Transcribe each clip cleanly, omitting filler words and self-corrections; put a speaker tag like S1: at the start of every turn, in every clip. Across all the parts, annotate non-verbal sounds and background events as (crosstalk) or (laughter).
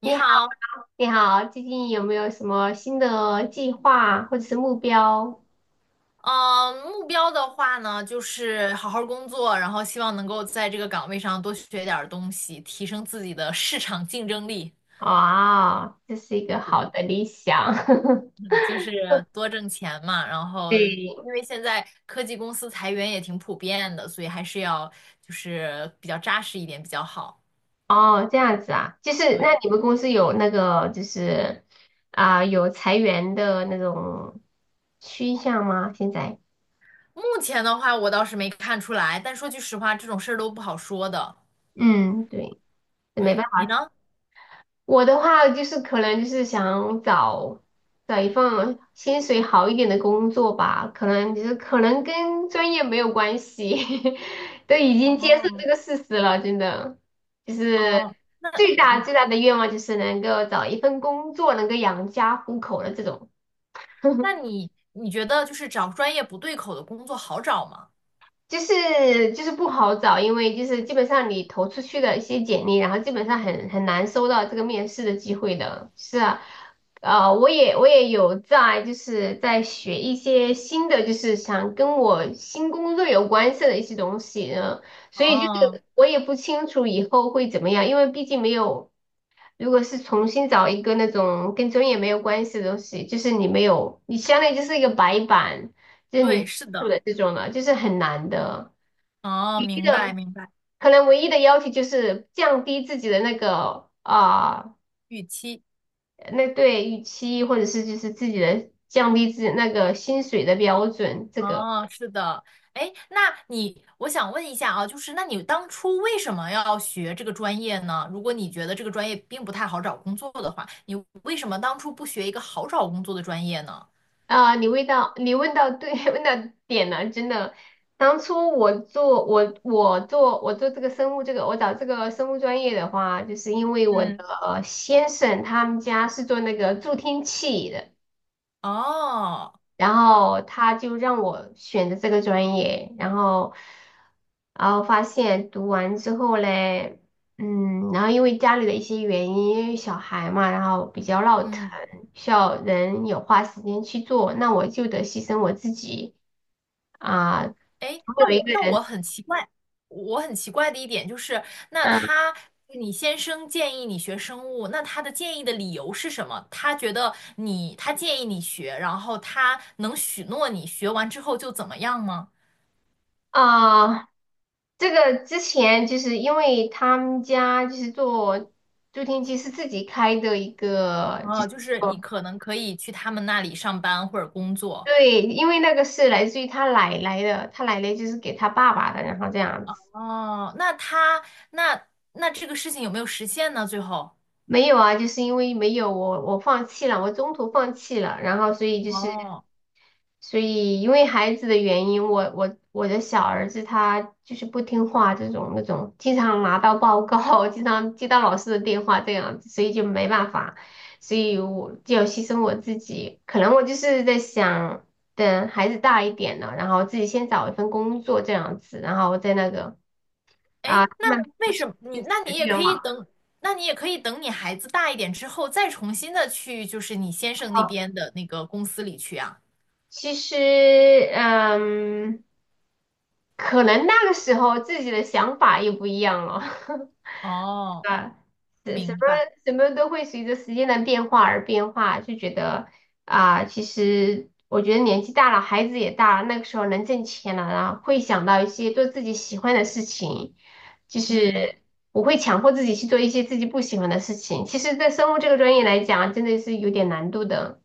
S1: 你
S2: 你好。
S1: 好，
S2: 你好，最近有没有什么新的计划或者是目标？
S1: 嗯，目标的话呢，就是好好工作，然后希望能够在这个岗位上多学点儿东西，提升自己的市场竞争力。
S2: 啊，这是一个
S1: 对，
S2: 好的理想。
S1: 嗯就
S2: (laughs)
S1: 是多挣钱嘛。然后，因
S2: 对。
S1: 为现在科技公司裁员也挺普遍的，所以还是要就是比较扎实一点比较好。
S2: 哦，这样子啊，就是那
S1: 对，
S2: 你们公司有那个有裁员的那种趋向吗？现在？
S1: 目前的话我倒是没看出来，但说句实话，这种事儿都不好说的。
S2: 嗯，对，没
S1: 对，
S2: 办
S1: 你
S2: 法。
S1: 呢？
S2: 我的话就是可能就是想找一份薪水好一点的工作吧，可能就是可能跟专业没有关系，(laughs) 都已经接受
S1: 哦
S2: 这个事实了，真的，就是
S1: 哦，那。
S2: 最大
S1: 你。
S2: 最大的愿望就是能够找一份工作能够养家糊口的这种。
S1: 那你觉得就是找专业不对口的工作好找吗？
S2: 就是不好找，因为就是基本上你投出去的一些简历，然后基本上很难收到这个面试的机会的。是啊，我也有在就是在学一些新的，就是想跟我新工作有关系的一些东西呢，所以就
S1: 哦，
S2: 是我也不清楚以后会怎么样，因为毕竟没有，如果是重新找一个那种跟专业没有关系的东西，就是你没有，你相当于就是一个白板，就是零
S1: 对，
S2: 基
S1: 是
S2: 础
S1: 的，
S2: 的这种了，就是很难的。
S1: 哦，
S2: 唯一
S1: 明白
S2: 的
S1: 明白，
S2: 可能唯一的要求就是降低自己的那个
S1: 预期，
S2: 那对预期，或者是就是自己的降低自己那个薪水的标准。这个
S1: 哦，是的，哎，那你，我想问一下啊，就是那你当初为什么要学这个专业呢？如果你觉得这个专业并不太好找工作的话，你为什么当初不学一个好找工作的专业呢？
S2: 啊、你问到对 (laughs) 问到点了，真的。当初我做这个生物这个我找这个生物专业的话，就是因为我的
S1: 嗯
S2: 先生他们家是做那个助听器的。
S1: 哦，
S2: 然后他就让我选的这个专业，然后，然后发现读完之后嘞，嗯，然后因为家里的一些原因，因为小孩嘛，然后比较闹腾，
S1: 嗯。
S2: 需要人有花时间去做，那我就得牺牲我自己啊，总
S1: 哎，那
S2: 有一
S1: 我
S2: 个
S1: 那
S2: 人。
S1: 我很奇怪，我很奇怪的一点就是，那
S2: 嗯
S1: 他你先生建议你学生物，那他的建议的理由是什么？他建议你学，然后他能许诺你学完之后就怎么样吗？
S2: 啊。这个之前就是因为他们家就是做助听器是自己开的一个，就
S1: 哦，
S2: 是
S1: 就是你可能可以去他们那里上班或者工作。
S2: 对，因为那个是来自于他奶奶的，他奶奶就是给他爸爸的，然后这样子。
S1: 哦，那他那那这个事情有没有实现呢？最后？
S2: 没有啊，就是因为没有我放弃了，我中途放弃了，然后所以就是。
S1: 哦。
S2: 所以因为孩子的原因，我的小儿子他就是不听话，这种那种经常拿到报告，经常接到老师的电话这样子，所以就没办法，所以我就要牺牲我自己。可能我就是在想，等孩子大一点了，然后自己先找一份工作这样子，然后再那个
S1: 哎，
S2: 啊，
S1: 那
S2: 慢慢实
S1: 为
S2: 现
S1: 什么
S2: 自
S1: 你？
S2: 己
S1: 那
S2: 的
S1: 你也可
S2: 愿
S1: 以
S2: 望。
S1: 等，你孩子大一点之后，再重新的去，就是你先生那
S2: 哦，
S1: 边的那个公司里去啊。
S2: 其实嗯，可能那个时候自己的想法也不一样了。(laughs)
S1: 哦，
S2: 啊，什什么
S1: 明白。
S2: 什么都会随着时间的变化而变化，就觉得啊、其实我觉得年纪大了，孩子也大了，那个时候能挣钱了，然后会想到一些做自己喜欢的事情，就是
S1: 嗯，
S2: 我会强迫自己去做一些自己不喜欢的事情。其实，在生物这个专业来讲，真的是有点难度的，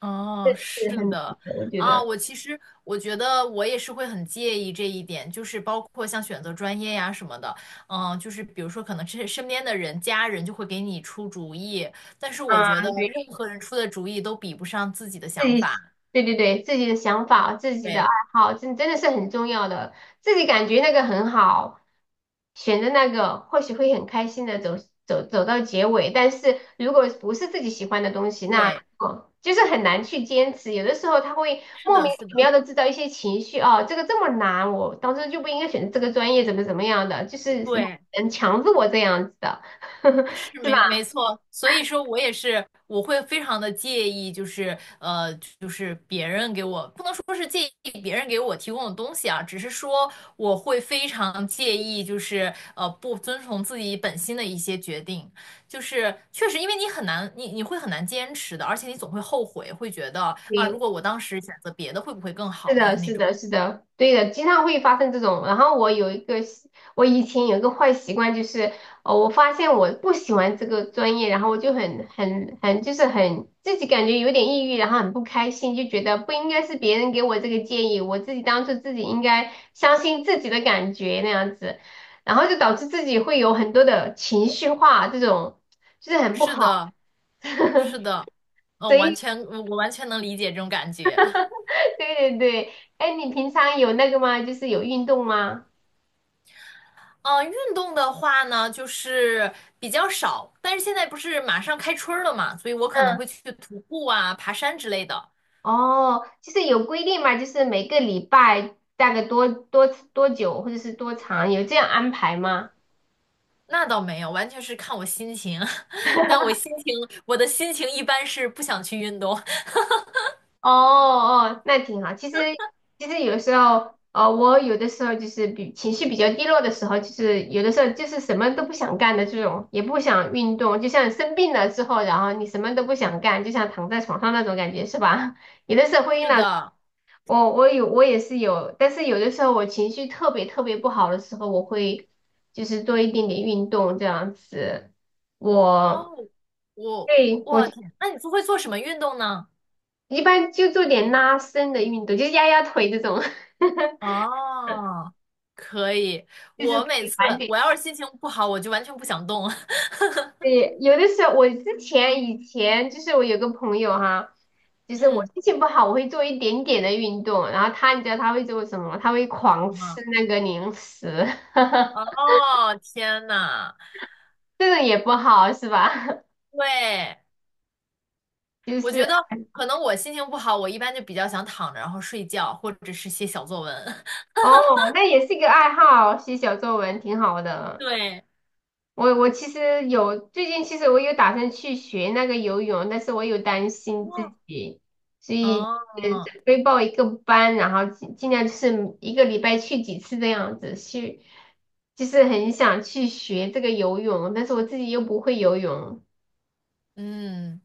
S1: 哦，
S2: 是
S1: 是
S2: 很难
S1: 的。
S2: 的，我觉
S1: 啊，
S2: 得。
S1: 我其实我觉得我也是会很介意这一点，就是包括像选择专业呀什么的，嗯，就是比如说可能这身边的人、家人就会给你出主意，但是我
S2: 啊，
S1: 觉得
S2: 对。
S1: 任何人出的主意都比不上自己的
S2: 自
S1: 想
S2: 己，
S1: 法。
S2: 对对对，自己的想法、自己的爱
S1: 对，
S2: 好，真真的是很重要的。自己感觉那个很好，选择那个或许会很开心的走到结尾。但是如果不是自己喜欢的东西，那
S1: 对，
S2: 哦就是很难去坚持。有的时候他会
S1: 是
S2: 莫
S1: 的，
S2: 名
S1: 是
S2: 其
S1: 的。
S2: 妙的制造一些情绪，哦，这个这么难，我当时就不应该选择这个专业，怎么怎么样的，就是是
S1: 对，
S2: 很强制我这样子的，
S1: 是
S2: (laughs) 是吧？
S1: 没错，所以说我也是，我会非常的介意，就是就是别人给我，不能说是介意别人给我提供的东西啊，只是说我会非常介意，就是不遵从自己本心的一些决定，就是确实，因为你很难，你会很难坚持的，而且你总会后悔，会觉得啊，如
S2: 对
S1: 果我当时选择别的，会不会更
S2: 是
S1: 好？就
S2: 的，
S1: 是那
S2: 是
S1: 种，
S2: 的，是的，对的，经常会发生这种。然后我以前有一个坏习惯，就是我发现我不喜欢这个专业，然后我就很很很，就是很自己感觉有点抑郁，然后很不开心，就觉得不应该是别人给我这个建议，我自己当初自己应该相信自己的感觉那样子，然后就导致自己会有很多的情绪化，这种就是很不
S1: 是
S2: 好。
S1: 的，是的，
S2: (laughs) 所
S1: 完
S2: 以，
S1: 全，我完全能理解这种感觉。
S2: 对对对，哎，你平常有那个吗？就是有运动吗？
S1: 运动的话呢，就是比较少，但是现在不是马上开春儿了嘛，所以我可能会
S2: 嗯。
S1: 去徒步啊、爬山之类的。
S2: 哦，就是有规定嘛，就是每个礼拜大概多久或者是多长，有这样安排吗？
S1: 那倒没有，完全是看我心情。(laughs) 但我心情，我的心情一般是不想去运动。(laughs)
S2: 哦哦，那挺好。其实有时候，我有的时候就是比情绪比较低落的时候，就是有的时候就是什么都不想干的这种，也不想运动，就像生病了之后，然后你什么都不想干，就像躺在床上那种感觉，是吧？(laughs) 有的时候会遇
S1: 是
S2: 到。
S1: 的，
S2: 我也是有，但是有的时候我情绪特别特别不好的时候，我会就是做一点点运动这样子。我
S1: 哦，我
S2: 对我
S1: 我天，那你都会做什么运动呢？
S2: 一般就做点拉伸的运动，就是压压腿这种，(laughs)
S1: 哦，可以。
S2: 就是
S1: 我
S2: 可
S1: 每
S2: 以
S1: 次
S2: 缓解。
S1: 我要是心情不好，我就完全不想动。(laughs)
S2: 对，有的时候我以前就是我有个朋友哈，就是我
S1: 嗯，
S2: 心情不好，我会做一点点的运动，然后他你知道他会做什么？他会
S1: 什
S2: 狂吃
S1: 么？
S2: 那个零食，(laughs)
S1: 哦，天呐，
S2: 这种也不好是吧？
S1: 对。
S2: (laughs) 就
S1: 我
S2: 是。
S1: 觉得可能我心情不好，我一般就比较想躺着，然后睡觉，或者是写小作文。(laughs)
S2: 哦，那也是一个爱好，写小作文挺好的。
S1: 对，
S2: 我其实有最近，其实我有打算去学那个游泳，但是我有担心自己，所以
S1: 哦，
S2: 准备报一个班，然后尽尽量就是一个礼拜去几次这样子去，就是很想去学这个游泳，但是我自己又不会游泳。
S1: 嗯，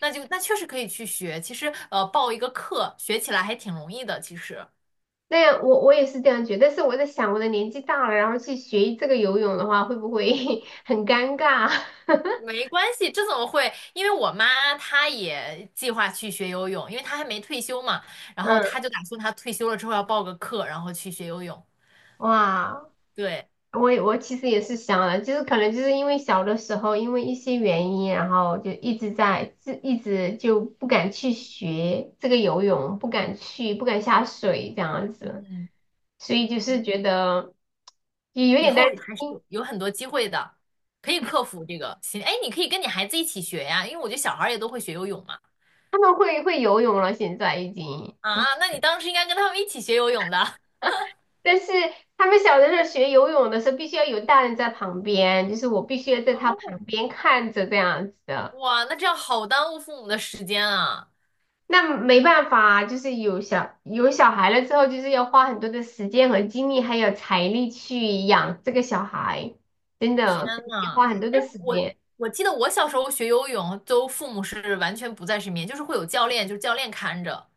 S1: 那确实可以去学。其实，报一个课学起来还挺容易的。其实
S2: 那样我也是这样觉得，但是我在想，我的年纪大了，然后去学这个游泳的话，会不会 (laughs) 很尴尬？(laughs)
S1: 没关系，这怎么会？因为我妈她也计划去学游泳，因为她还没退休嘛。然后她
S2: 嗯，
S1: 就打算她退休了之后要报个课，然后去学游泳。
S2: 哇。
S1: 对，
S2: 我其实也是想了，就是可能就是因为小的时候因为一些原因，然后就一直就不敢去学这个游泳，不敢下水这样子，
S1: 嗯。
S2: 所以就是觉得也有
S1: 以
S2: 点担
S1: 后还是
S2: 心
S1: 有很多机会的，可以克服这个心。哎，你可以跟你孩子一起学呀，因为我觉得小孩儿也都会学游泳嘛。
S2: 他们会会游泳了，现在已经就是，
S1: 啊，那你当时应该跟他们一起学游泳的。
S2: 但是他们小的时候学游泳的时候必须要有大人在旁边，就是我必须要
S1: (laughs)
S2: 在他旁
S1: 哦，
S2: 边看着这样子的。
S1: 哇，那这样好耽误父母的时间啊！
S2: 那没办法啊，就是有小孩了之后，就是要花很多的时间和精力，还有财力去养这个小孩，真
S1: 天
S2: 的要
S1: 呐，
S2: 花很多
S1: 哎，
S2: 的时
S1: 我
S2: 间。
S1: 我记得我小时候学游泳，都父母是完全不在身边，就是会有教练，就是教练看着。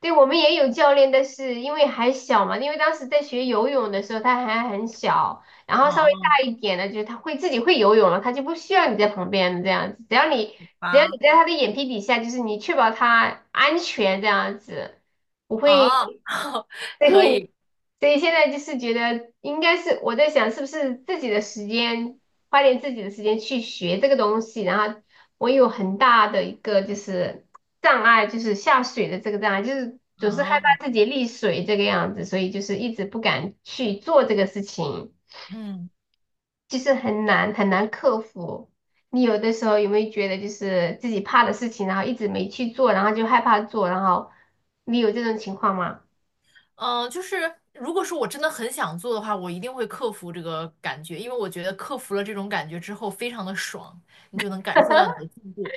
S2: 对，我们也有教练，但是因为还小嘛，因为当时在学游泳的时候他还很小，然
S1: 嗯
S2: 后稍微
S1: 哦，
S2: 大一点了，就是他会自己会游泳了，他就不需要你在旁边这样子，只要你
S1: 好
S2: 只要你
S1: 吧，
S2: 在他的眼皮底下，就是你确保他安全这样子，不会。
S1: 哦，(laughs)
S2: 所
S1: 可
S2: 以，
S1: 以，
S2: 所以现在就是觉得应该是我在想，是不是自己的时间，花点自己的时间去学这个东西。然后我有很大的一个就是障碍，就是下水的这个障碍，就是总是害
S1: 哦，
S2: 怕自己溺水这个样子，所以就是一直不敢去做这个事情，
S1: 嗯。
S2: 就是很难很难克服。你有的时候有没有觉得就是自己怕的事情，然后一直没去做，然后就害怕做，然后你有这种情况吗？
S1: 嗯，就是如果说我真的很想做的话，我一定会克服这个感觉，因为我觉得克服了这种感觉之后，非常的爽，你就能感受到你的进步，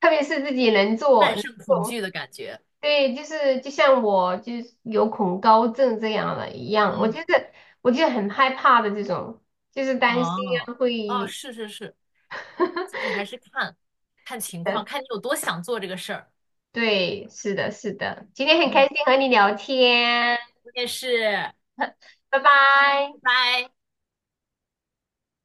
S2: 特别是自己
S1: 战
S2: 能
S1: 胜恐
S2: 做，
S1: 惧的感觉。
S2: 对，就是就像我就是有恐高症这样的一样，我
S1: 嗯，
S2: 就是我就很害怕的这种，就是担心
S1: 哦，
S2: 啊
S1: 哦，
S2: 会，
S1: 是是是，就是
S2: (laughs)
S1: 还是看看情况，看你有多想做这个事儿。
S2: 对，是的，是的，今天很开
S1: 嗯，
S2: 心和你聊天，
S1: 我也是，
S2: 拜拜。
S1: 拜拜。